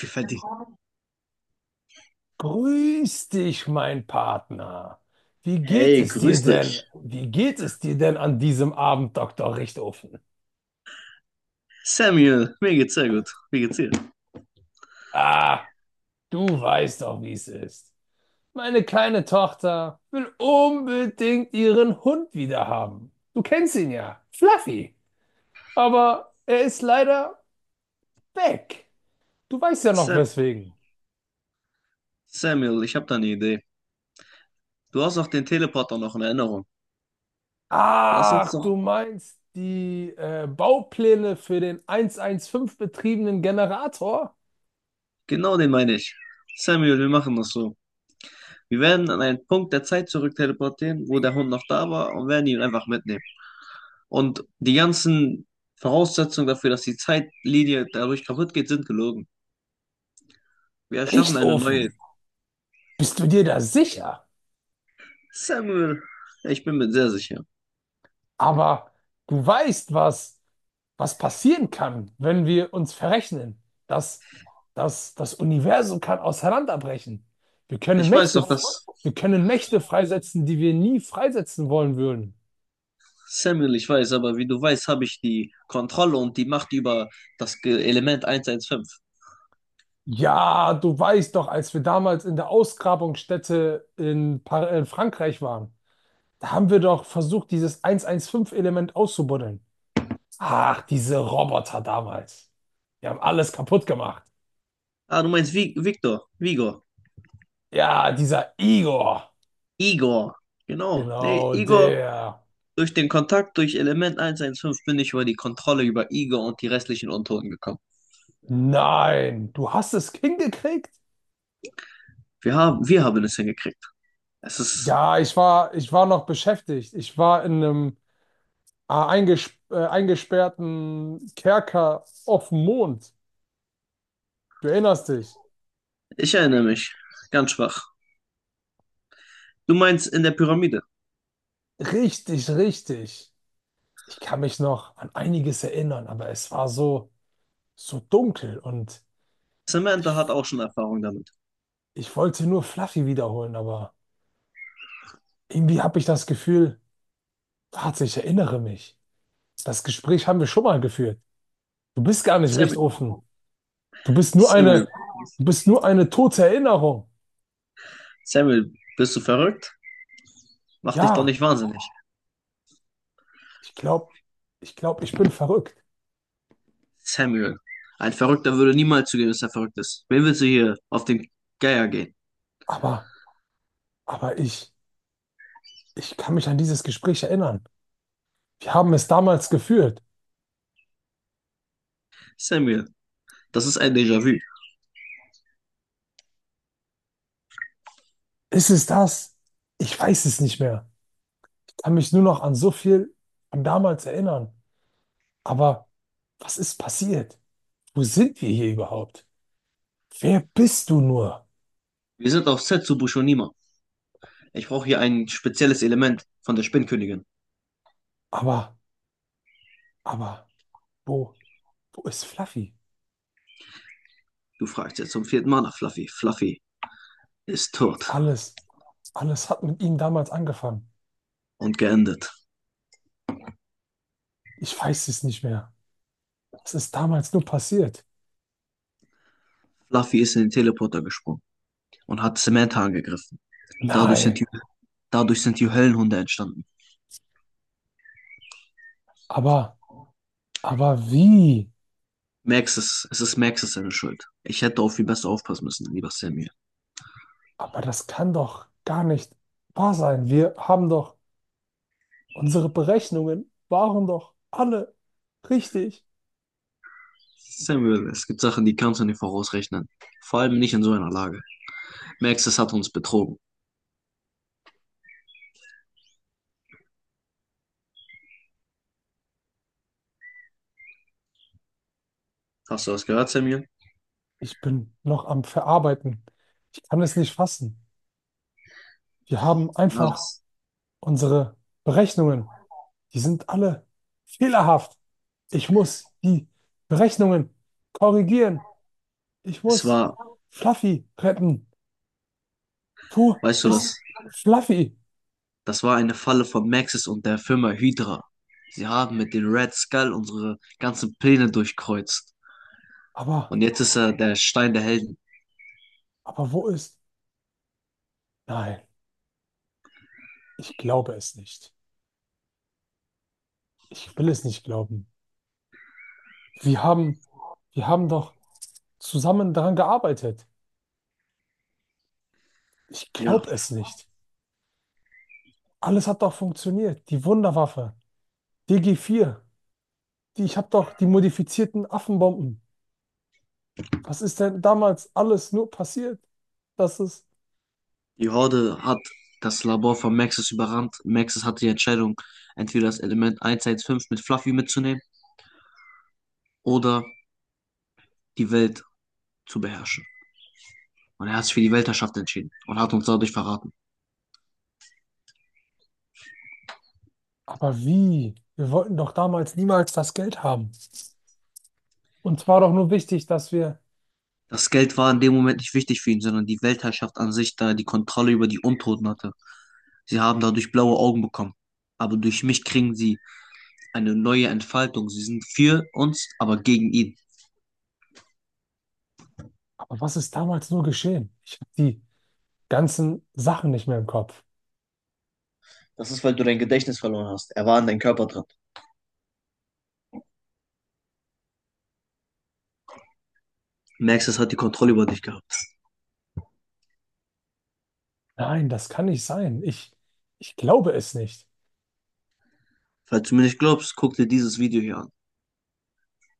Wie verdient. Grüß dich, mein Partner. Wie geht Hey, es dir grüß denn? dich. Wie geht es dir denn an diesem Abend, Doktor Richtofen? Samuel, mir geht's sehr gut. Wie geht's dir? Ah, du weißt doch, wie es ist. Meine kleine Tochter will unbedingt ihren Hund wieder haben. Du kennst ihn ja, Fluffy. Aber er ist leider weg. Du weißt ja noch Sa weswegen. Samuel, ich habe da eine Idee. Du hast doch den Teleporter noch in Erinnerung. Lass uns Ach, doch. du meinst die Baupläne für den 115 betriebenen Generator? Genau den meine ich. Samuel, wir machen das so. Wir werden an einen Punkt der Zeit zurückteleportieren, wo der Hund noch da war, und werden ihn einfach mitnehmen. Und die ganzen Voraussetzungen dafür, dass die Zeitlinie dadurch kaputt geht, sind gelogen. Wir erschaffen eine neue. Richtofen, bist du dir da sicher? Samuel, ich bin mir sehr sicher. Aber du weißt, was passieren kann, wenn wir uns verrechnen. Das, Das Universum kann auseinanderbrechen. Wir können Ich weiß Mächte, doch, dass. wir können Mächte freisetzen, die wir nie freisetzen wollen würden. Samuel, ich weiß, aber wie du weißt, habe ich die Kontrolle und die Macht über das Element 115. Ja, du weißt doch, als wir damals in der Ausgrabungsstätte in Frankreich waren, da haben wir doch versucht, dieses 115-Element auszubuddeln. Ach, diese Roboter damals. Die haben alles kaputt gemacht. Ah, du meinst Vi Victor, Vigor, Ja, dieser Igor. Igor. Genau. Nee, Genau, Igor, der. durch den Kontakt durch Element 115 bin ich über die Kontrolle über Igor und die restlichen Untoten gekommen. Nein, du hast es hingekriegt? Wir haben es hingekriegt. Es ist, Ja, ich war noch beschäftigt. Ich war in einem eingesperrten Kerker auf dem Mond. Du erinnerst dich? ich erinnere mich, ganz schwach. Du meinst in der Pyramide. Richtig, richtig. Ich kann mich noch an einiges erinnern, aber es war so, so dunkel und ich, Samantha hat auch schon Erfahrung damit. ich wollte nur Fluffy wiederholen, aber irgendwie habe ich das Gefühl, warte, ich erinnere mich. Das Gespräch haben wir schon mal geführt. Du bist gar nicht recht Samuel, offen. Du bist nur Samuel, eine, du bist nur eine tote Erinnerung. Samuel, bist du verrückt? Mach dich doch Ja, nicht wahnsinnig. ich glaube, ich glaube, ich bin verrückt. Samuel. Ein Verrückter würde niemals zugeben, dass er verrückt ist. Wen willst du hier auf den Geier gehen? Aber, aber ich, ich kann mich an dieses Gespräch erinnern. Wir haben es damals geführt. Samuel. Das ist ein Déjà-vu. Ist es das? Ich weiß es nicht mehr. Ich kann mich nur noch an so viel von damals erinnern. Aber was ist passiert? Wo sind wir hier überhaupt? Wer bist du nur? Wir sind auf Set zu Bushonima. Ich brauche hier ein spezielles Element von der Spinnkönigin. Aber, aber, wo, wo ist Fluffy? Du fragst jetzt zum vierten Mal nach Fluffy. Fluffy ist tot Alles, alles hat mit ihm damals angefangen. und geendet. Ich weiß es nicht mehr. Was ist damals nur passiert? Fluffy ist in den Teleporter gesprungen und hat Samantha angegriffen. Dadurch Nein, sind die, dadurch sind die Höllenhunde entstanden. aber, aber wie? Max ist, es ist Maxes seine Schuld. Ich hätte auf ihn besser aufpassen müssen, lieber Samuel. Aber das kann doch gar nicht wahr sein. Wir haben doch, unsere Berechnungen waren doch alle richtig. Samuel, es gibt Sachen, die kannst du nicht vorausrechnen. Vor allem nicht in so einer Lage. Maxis hat uns betrogen. Hast du das gehört, Samuel? Ich bin noch am Verarbeiten. Ich kann es nicht fassen. Wir haben Ja, einfach das, unsere Berechnungen. Die sind alle fehlerhaft. Ich muss die Berechnungen korrigieren. Ich es muss war, Fluffy retten. Wo weißt du ist das, Fluffy? das war eine Falle von Maxis und der Firma Hydra. Sie haben mit den Red Skull unsere ganzen Pläne durchkreuzt. Aber, Und jetzt ist er der Stein der Helden. aber wo ist? Nein, ich glaube es nicht. Ich will es nicht glauben. Wir haben, wir haben doch zusammen daran gearbeitet. Ich Ja, glaube es nicht. Alles hat doch funktioniert. Die Wunderwaffe, dg vier, die, ich habe doch die modifizierten Affenbomben. Was ist denn damals alles nur passiert? Das ist. die Horde hat das Labor von Maxis überrannt. Maxis hatte die Entscheidung, entweder das Element 115 mit Fluffy mitzunehmen oder die Welt zu beherrschen. Und er hat sich für die Weltherrschaft entschieden und hat uns dadurch verraten. Aber wie? Wir wollten doch damals niemals das Geld haben. Und zwar doch nur wichtig, dass wir. Das Geld war in dem Moment nicht wichtig für ihn, sondern die Weltherrschaft an sich, da er die Kontrolle über die Untoten hatte. Sie haben dadurch blaue Augen bekommen. Aber durch mich kriegen sie eine neue Entfaltung. Sie sind für uns, aber gegen ihn. Aber was ist damals nur geschehen? Ich habe die ganzen Sachen nicht mehr im Kopf. Das ist, weil du dein Gedächtnis verloren hast. Er war in deinem Körper dran. Max, das hat die Kontrolle über dich gehabt. Nein, das kann nicht sein. Ich glaube es nicht. Falls du mir nicht glaubst, guck dir dieses Video hier an.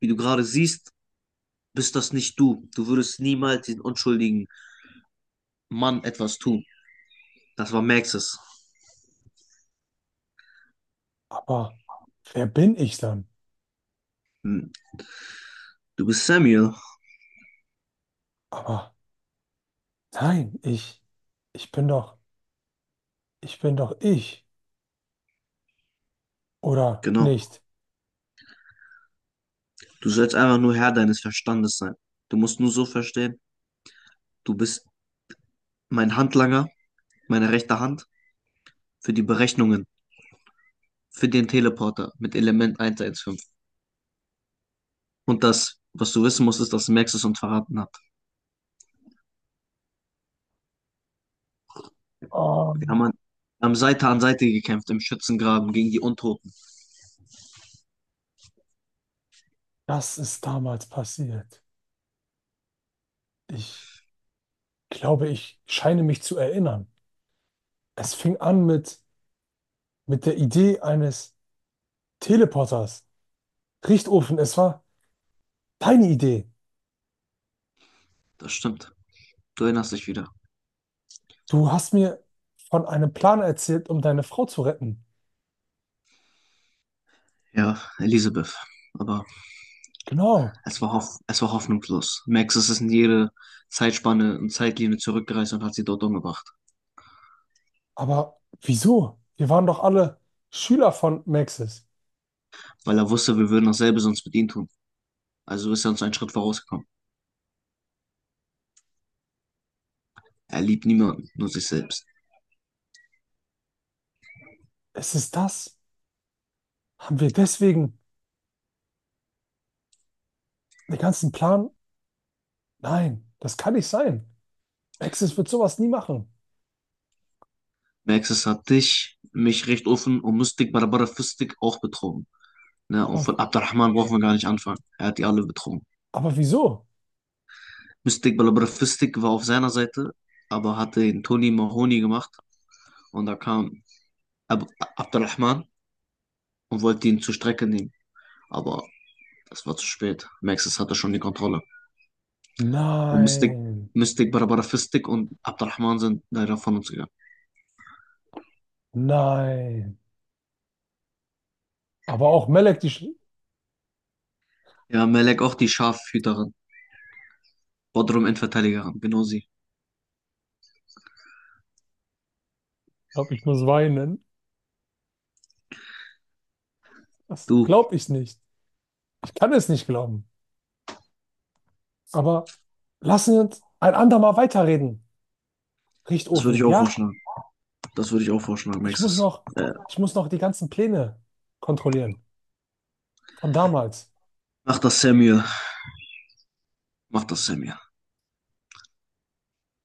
Wie du gerade siehst, bist das nicht du. Du würdest niemals den unschuldigen Mann etwas tun. Das war Maxes. Aber wer bin ich dann? Hm, Du bist Samuel. Aber nein, ich bin doch, ich bin doch ich. Oder Genau. nicht? Du sollst einfach nur Herr deines Verstandes sein. Du musst nur so verstehen, du bist mein Handlanger, meine rechte Hand für die Berechnungen, für den Teleporter mit Element 115. Und das, was du wissen musst, ist, dass Max es uns verraten hat. Oh, Wir haben, an, haben Seite an Seite gekämpft im Schützengraben gegen die Untoten. das ist damals passiert. Ich glaube, ich scheine mich zu erinnern. Es fing an mit der Idee eines Teleporters. Richtofen, es war deine Idee. Das stimmt. Du erinnerst dich wieder. Du hast mir von einem Plan erzählt, um deine Frau zu retten. Ja, Elisabeth. Aber Genau. es war, hoff es war hoffnungslos. Max ist in jede Zeitspanne und Zeitlinie zurückgereist und hat sie dort umgebracht. Aber wieso? Wir waren doch alle Schüler von Maxis. Weil er wusste, wir würden dasselbe sonst mit ihm tun. Also ist er uns einen Schritt vorausgekommen. Er liebt niemanden, nur sich selbst. Ist es das? Haben wir deswegen den ganzen Plan? Nein, das kann nicht sein. Maxis wird sowas nie machen. Maxis hat dich, mich recht offen und Mystik Barabara Fistik auch betrogen. Ne? Und Aber, von Abdurrahman brauchen wir gar nicht anfangen. Er hat die alle betrogen. aber wieso? Mystik Barabara Fistik war auf seiner Seite, aber hatte den Tony Mahoney gemacht. Und da kam Ab Abdurrahman und wollte ihn zur Strecke nehmen. Aber das war zu spät. Maxis hatte schon die Kontrolle. Und Nein, Mystik Barabara Fistik und Abdurrahman sind leider von uns gegangen. nein. Aber auch Melek, ich Ja, Melek auch die Schafhüterin. Bodrum Endverteidiger haben, genau sie. glaube, ich muss weinen. Das Du, glaube ich nicht. Ich kann es nicht glauben. Aber lassen Sie uns ein andermal weiterreden. das würde Richtofen, ich auch ja? vorschlagen. Das würde ich auch vorschlagen, Ich muss Maxis. noch, Äh, ich muss noch die ganzen Pläne kontrollieren von damals. mach das, Samuel. Mach das, Samuel.